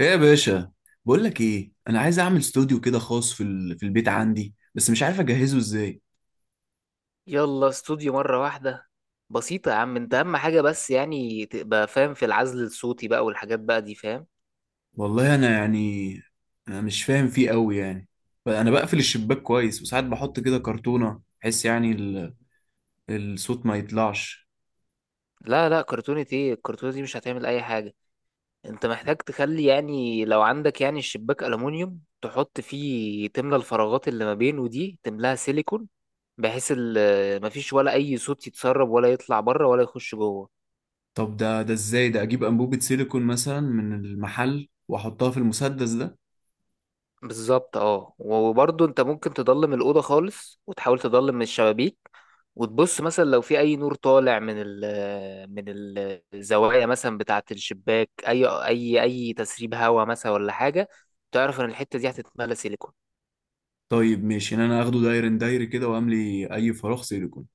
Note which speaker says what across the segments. Speaker 1: ايه يا باشا؟ بقول لك ايه، انا عايز اعمل استوديو كده خاص في البيت عندي، بس مش عارف اجهزه ازاي.
Speaker 2: يلا استوديو مرة واحدة. بسيطة يا عم، انت اهم حاجة بس يعني تبقى فاهم في العزل الصوتي بقى والحاجات بقى دي، فاهم؟
Speaker 1: والله انا يعني، انا مش فاهم فيه قوي يعني. انا بقفل الشباك كويس، وساعات بحط كده كرتونة بحيث يعني الصوت ما يطلعش.
Speaker 2: لا لا، كرتونة ايه؟ الكرتونة دي مش هتعمل اي حاجة. انت محتاج تخلي، يعني لو عندك يعني الشباك ألمونيوم، تحط فيه تملى الفراغات اللي ما بينه دي، تملاها سيليكون بحيث مفيش ولا اي صوت يتسرب ولا يطلع بره ولا يخش جوه.
Speaker 1: طب ده ازاي؟ ده اجيب انبوبة سيليكون مثلا من المحل واحطها في المسدس ده؟
Speaker 2: بالظبط، اه، وبرضه انت ممكن تضلم الأوضة خالص وتحاول تضلم من الشبابيك. وتبص مثلا لو في أي نور طالع من الزوايا مثلا بتاعة الشباك، أي تسريب هواء مثلا ولا حاجة، تعرف إن الحتة دي هتتملى سيليكون.
Speaker 1: طيب ماشي، ان انا اخده داير داير كده واملي اي فراغ سيليكون.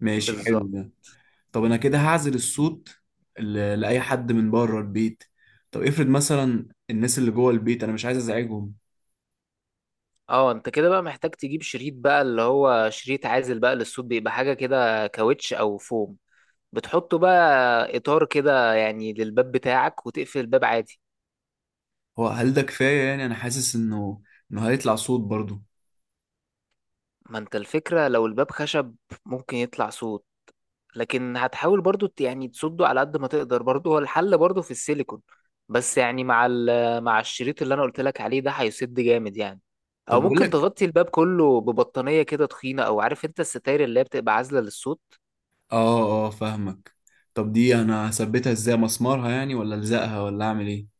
Speaker 1: ماشي، حلو
Speaker 2: بالظبط.
Speaker 1: ده. طب انا كده هعزل الصوت لاي حد من بره البيت. طب افرض مثلا الناس اللي جوه البيت انا مش عايز ازعجهم.
Speaker 2: اه، انت كده بقى محتاج تجيب شريط بقى، اللي هو شريط عازل بقى للصوت، بيبقى حاجة كده كاوتش أو فوم. بتحطه بقى إطار كده يعني للباب بتاعك وتقفل الباب عادي.
Speaker 1: هو هل ده كفايه؟ يعني انا حاسس انه هيطلع صوت برضو.
Speaker 2: ما انت الفكرة لو الباب خشب ممكن يطلع صوت، لكن هتحاول برضو يعني تصده على قد ما تقدر. برضو هو الحل برضو في السيليكون، بس يعني مع مع الشريط اللي انا قلت لك عليه ده، هيسد جامد يعني.
Speaker 1: طب
Speaker 2: او
Speaker 1: بقول
Speaker 2: ممكن
Speaker 1: لك.
Speaker 2: تغطي الباب كله ببطانية كده تخينة، او عارف انت الستاير اللي هي بتبقى عازلة للصوت.
Speaker 1: اه، اه، فاهمك. طب دي انا هثبتها ازاي؟ مسمارها يعني، ولا الزقها، ولا اعمل ايه؟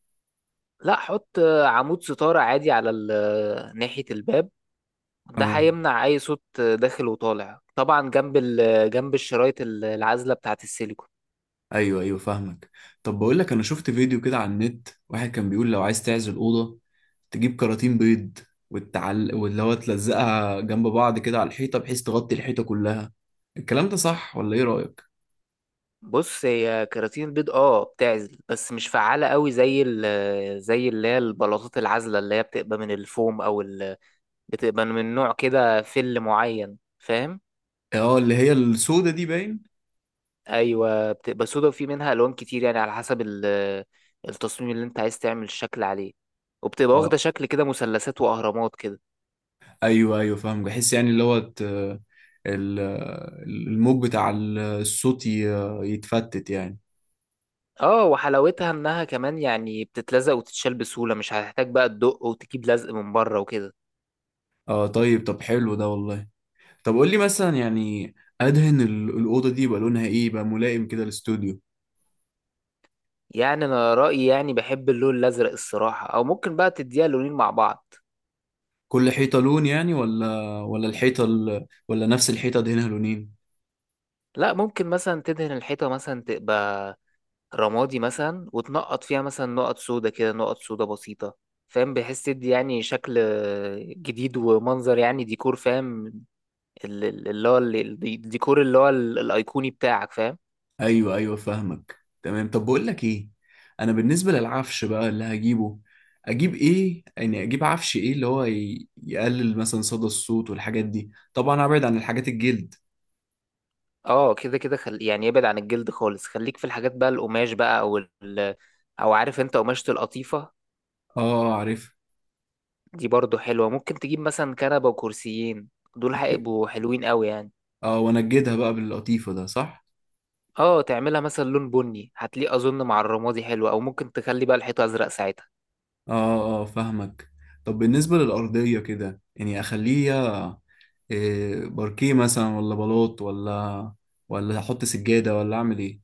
Speaker 2: لا حط عمود ستارة عادي على ناحية الباب. ده
Speaker 1: اه،
Speaker 2: هيمنع اي صوت داخل وطالع، طبعا جنب جنب الشرايط العازلة بتاعة السيليكون.
Speaker 1: ايوه، ايوه، فاهمك. طب بقول لك، انا شفت فيديو كده على النت، واحد كان بيقول لو عايز تعزل اوضه تجيب كراتين بيض، واللي هو تلزقها جنب بعض كده على الحيطه بحيث تغطي الحيطه كلها. الكلام ده صح، ولا ايه رايك؟
Speaker 2: بص، هي كراتين البيض اه بتعزل بس مش فعالة قوي زي ال آه، زي اللي هي البلاطات العازلة، اللي هي بتبقى من الفوم او بتبقى من نوع كده فل معين، فاهم؟
Speaker 1: اه، اللي هي السودة دي، باين.
Speaker 2: ايوه، بتبقى سودا وفي منها الوان كتير يعني على حسب التصميم اللي انت عايز تعمل الشكل عليه، وبتبقى
Speaker 1: اه،
Speaker 2: واخدة شكل كده مثلثات واهرامات كده.
Speaker 1: ايوه، ايوه، فاهم. بحس يعني اللي هو ال- الموج بتاع الصوت يتفتت يعني.
Speaker 2: اه وحلاوتها انها كمان يعني بتتلزق وتتشال بسهولة، مش هتحتاج بقى تدق وتجيب لزق من بره وكده.
Speaker 1: اه، طيب. حلو ده والله. طب قول لي مثلا يعني، ادهن الاوضه دي يبقى لونها ايه يبقى ملائم كده للاستوديو؟
Speaker 2: يعني انا رايي يعني بحب اللون الازرق الصراحه، او ممكن بقى تديها لونين مع بعض.
Speaker 1: كل حيطة لون يعني، ولا الحيطة ولا نفس الحيطة دهنها لونين؟
Speaker 2: لا، ممكن مثلا تدهن الحيطه مثلا تبقى رمادي مثلا وتنقط فيها مثلا نقط سودا كده، نقط سودا بسيطه، فاهم؟ بحيث تدي يعني شكل جديد ومنظر، يعني ديكور فاهم، ال- ال- اللي هو ال- الديكور اللي هو الايقوني بتاعك، فاهم؟
Speaker 1: ايوه، ايوه، فاهمك تمام. طب بقول لك ايه، انا بالنسبة للعفش بقى اللي هجيبه، اجيب ايه يعني؟ اجيب عفش ايه اللي هو يقلل مثلا صدى الصوت والحاجات دي؟ طبعا ابعد عن الحاجات الجلد.
Speaker 2: اه كده كده، يعني ابعد عن الجلد خالص، خليك في الحاجات بقى القماش بقى، او او عارف انت قماشة القطيفة،
Speaker 1: اه، عارف.
Speaker 2: دي برضو حلوة. ممكن تجيب مثلا كنبة وكرسيين، دول هيبقوا حلوين قوي يعني.
Speaker 1: اه، وانجدها بقى باللطيفة، ده صح؟
Speaker 2: اه تعملها مثلا لون بني، هتليق اظن مع الرمادي حلو، او ممكن تخلي بقى الحيطة ازرق ساعتها.
Speaker 1: اه، اه، فاهمك. طب بالنسبة للأرضية كده، يعني اخليها إيه؟ باركيه مثلا، ولا بلاط، ولا احط سجادة، ولا اعمل ايه؟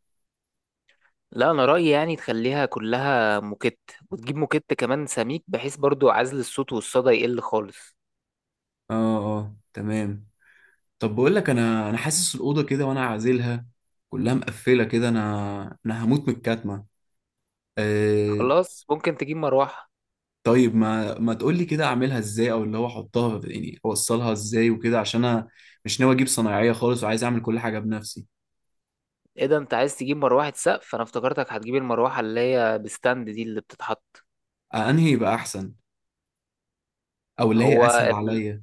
Speaker 2: لا انا رأيي يعني تخليها كلها موكيت، وتجيب موكيت كمان سميك، بحيث برضو عزل الصوت والصدى يقل خالص.
Speaker 1: اه، اه، تمام. طب بقول لك، انا حاسس الأوضة كده وانا عازلها كلها مقفلة كده، انا هموت من الكتمة. إيه؟
Speaker 2: خلاص، ممكن تجيب مروحة.
Speaker 1: طيب، ما تقول لي كده اعملها ازاي، او اللي هو احطها يعني، اوصلها ازاي وكده، عشان انا مش ناوي اجيب صنايعية خالص وعايز اعمل كل حاجة بنفسي.
Speaker 2: ايه ده، انت عايز تجيب مروحة سقف؟ انا افتكرتك هتجيب المروحة اللي هي بستاند دي اللي بتتحط.
Speaker 1: انهي يبقى احسن؟ او اللي
Speaker 2: هو
Speaker 1: هي اسهل عليا؟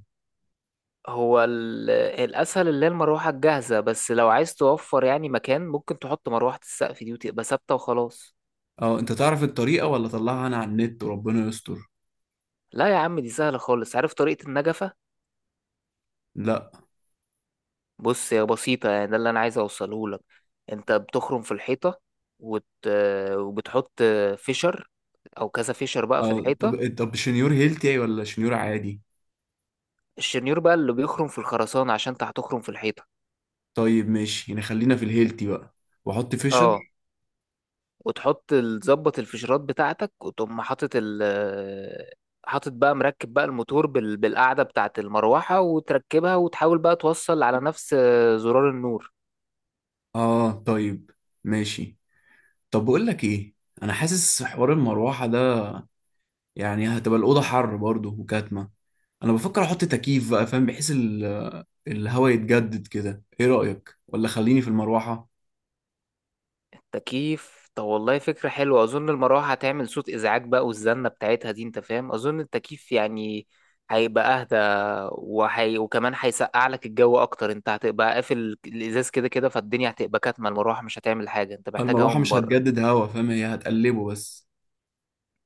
Speaker 2: هو الأسهل اللي هي المروحة الجاهزة، بس لو عايز توفر يعني مكان ممكن تحط مروحة السقف دي وتبقى ثابتة وخلاص.
Speaker 1: اه، انت تعرف الطريقة، ولا اطلعها انا على النت وربنا يستر؟
Speaker 2: لا يا عم، دي سهلة خالص. عارف طريقة النجفة؟
Speaker 1: لا.
Speaker 2: بص هي بسيطة، يعني ده اللي أنا عايز أوصله لك. أنت بتخرم في الحيطة وت... وبتحط فيشر أو كذا فيشر بقى في
Speaker 1: اه.
Speaker 2: الحيطة.
Speaker 1: طب شنيور هيلتي ولا شنيور عادي؟
Speaker 2: الشنيور بقى اللي بيخرم في الخرسانة، عشان أنت هتخرم في الحيطة.
Speaker 1: طيب، ماشي يعني، خلينا في الهيلتي بقى، واحط
Speaker 2: اه،
Speaker 1: فيشر.
Speaker 2: وتحط تظبط الفيشرات بتاعتك، وتقوم حاطط بقى مركب بقى الموتور بالقاعدة بتاعة المروحة وتركبها، وتحاول بقى توصل على نفس زرار النور.
Speaker 1: اه، طيب، ماشي. طب بقول لك ايه، انا حاسس حوار المروحه ده يعني هتبقى الاوضه حر برضه وكاتمه. انا بفكر احط تكييف بقى، فاهم؟ بحيث الهواء يتجدد كده. ايه رايك؟ ولا خليني في المروحه؟
Speaker 2: التكييف، طب والله فكرة حلوة. أظن المروحة هتعمل صوت إزعاج بقى والزنة بتاعتها دي أنت فاهم، أظن التكييف يعني هيبقى أهدى، وكمان هيسقع لك الجو أكتر. أنت هتبقى قافل الإزاز كده كده، فالدنيا هتبقى كاتمة، المروحة مش هتعمل حاجة، أنت محتاج هوا
Speaker 1: المروحه
Speaker 2: من
Speaker 1: مش
Speaker 2: بره.
Speaker 1: هتجدد هوا، فاهم؟ هي هتقلبه بس.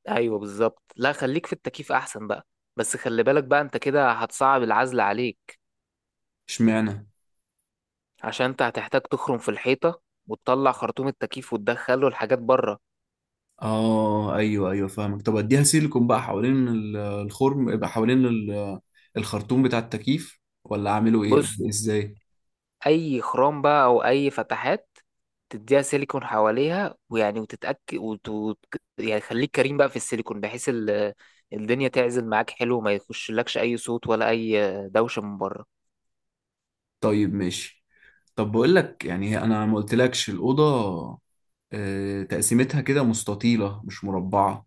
Speaker 2: ايوه بالظبط، لا خليك في التكييف احسن بقى. بس خلي بالك بقى، انت كده هتصعب العزل عليك،
Speaker 1: اشمعنى؟
Speaker 2: عشان انت هتحتاج تخرم في الحيطه وتطلع خرطوم التكييف وتدخله الحاجات بره.
Speaker 1: اه، ايوه، ايوه، فاهمك. طب اديها سيليكون بقى حوالين الخرم يبقى حوالين الخرطوم بتاع التكييف، ولا اعمله ايه؟
Speaker 2: بص،
Speaker 1: ازاي؟
Speaker 2: اي خرام بقى او اي فتحات، تديها سيليكون حواليها، ويعني وتتاكد يعني خليك كريم بقى في السيليكون، بحيث الدنيا تعزل معاك حلو وما يخشلكش اي صوت ولا اي دوشه من بره.
Speaker 1: طيب، ماشي. طب بقول لك يعني، انا ما قلتلكش الاوضه تقسيمتها كده مستطيله مش مربعه.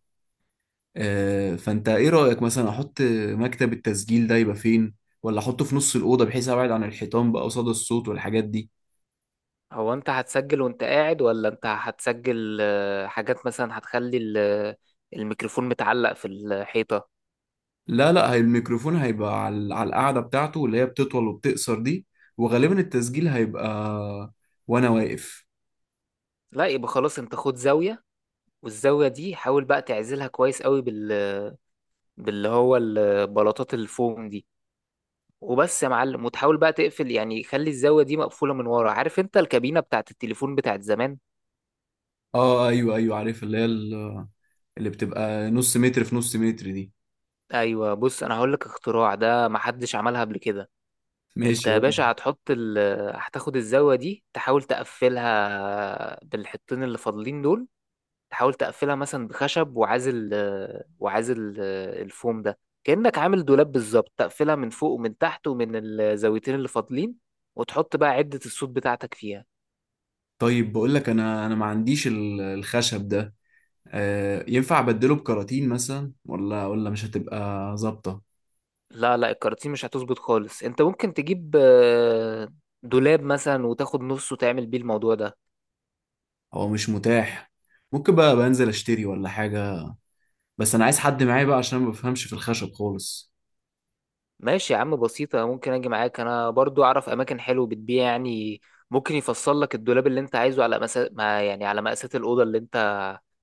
Speaker 1: فانت ايه رايك مثلا احط مكتب التسجيل ده يبقى فين؟ ولا احطه في نص الاوضه بحيث ابعد عن الحيطان بقى قصاد الصوت والحاجات دي؟
Speaker 2: هو انت هتسجل وانت قاعد، ولا انت هتسجل حاجات مثلا هتخلي الميكروفون متعلق في الحيطة؟
Speaker 1: لا، لا، هي الميكروفون هيبقى على القاعدة بتاعته اللي هي بتطول وبتقصر دي، وغالبا التسجيل هيبقى وانا واقف.
Speaker 2: لا يبقى خلاص، انت خد زاوية، والزاوية دي حاول بقى تعزلها كويس قوي باللي هو البلاطات الفوم دي، وبس يا معلم. وتحاول بقى تقفل يعني، خلي الزاوية دي مقفولة من ورا، عارف انت الكابينة بتاعت التليفون بتاعت زمان؟
Speaker 1: اه، ايوه، ايوه، عارف اللي هي اللي بتبقى نص متر في نص متر دي.
Speaker 2: ايوه، بص انا هقول لك اختراع، ده محدش عملها قبل كده. انت
Speaker 1: ماشي،
Speaker 2: يا
Speaker 1: يلا.
Speaker 2: باشا هتحط ال هتاخد الزاوية دي، تحاول تقفلها بالحطين اللي فاضلين دول، تحاول تقفلها مثلا بخشب وعازل الفوم ده، كأنك عامل دولاب بالظبط. تقفلها من فوق ومن تحت ومن الزاويتين اللي فاضلين، وتحط بقى عدة الصوت بتاعتك فيها.
Speaker 1: طيب بقول لك، انا ما عنديش الخشب ده. آه، ينفع ابدله بكراتين مثلا؟ ولا مش هتبقى ظابطة؟
Speaker 2: لا لا، الكراتين مش هتظبط خالص. انت ممكن تجيب دولاب مثلا وتاخد نصه وتعمل بيه الموضوع ده.
Speaker 1: هو مش متاح، ممكن بقى بنزل اشتري ولا حاجة، بس انا عايز حد معايا بقى عشان ما بفهمش في الخشب خالص.
Speaker 2: ماشي يا عم، بسيطة. ممكن أجي معاك، أنا برضو أعرف أماكن حلوة بتبيع يعني، ممكن يفصل لك الدولاب اللي أنت عايزه على مسا... ما يعني على مقاسات الأوضة اللي أنت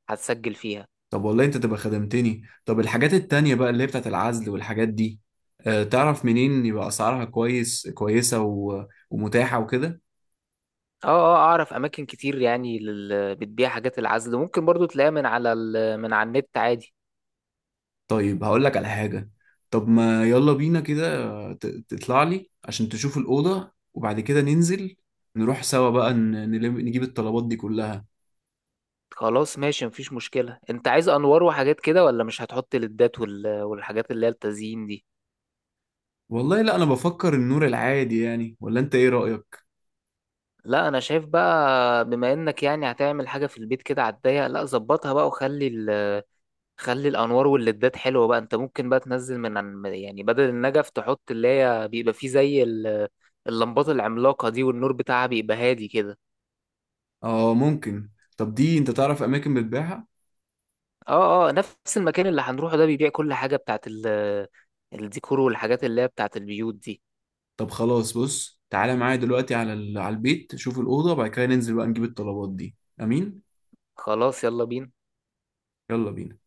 Speaker 2: هتسجل فيها.
Speaker 1: طب والله انت تبقى خدمتني. طب الحاجات التانية بقى اللي هي بتاعت العزل والحاجات دي، تعرف منين يبقى اسعارها كويسة ومتاحة وكده؟
Speaker 2: أه أه، أعرف أماكن كتير يعني بتبيع حاجات العزل، ممكن برضو تلاقيها من على من على النت عادي.
Speaker 1: طيب، هقول لك على حاجة. طب ما يلا بينا كده، تطلع لي عشان تشوف الأوضة، وبعد كده ننزل نروح سوا بقى، نجيب الطلبات دي كلها.
Speaker 2: خلاص ماشي، مفيش مشكلة. أنت عايز أنوار وحاجات كده، ولا مش هتحط ليدات والحاجات اللي هي التزيين دي؟
Speaker 1: والله لا، انا بفكر النور العادي يعني. ولا انت ايه رأيك؟
Speaker 2: لا أنا شايف بقى، بما إنك يعني هتعمل حاجة في البيت كده على الضيق، لا ظبطها بقى وخلي خلي الانوار والليدات حلوه بقى. انت ممكن بقى تنزل يعني بدل النجف تحط اللي هي بيبقى فيه زي اللمبات العملاقه دي، والنور بتاعها بيبقى هادي كده.
Speaker 1: اه، ممكن. طب دي انت تعرف اماكن بتبيعها؟
Speaker 2: اه اه، نفس المكان اللي هنروحه ده بيبيع كل حاجه بتاعت الديكور والحاجات اللي هي بتاعت البيوت دي.
Speaker 1: طب خلاص، بص تعالى معايا دلوقتي على على البيت، شوف الأوضة وبعد كده ننزل بقى نجيب الطلبات دي. أمين.
Speaker 2: خلاص، يلا بينا.
Speaker 1: يلا بينا.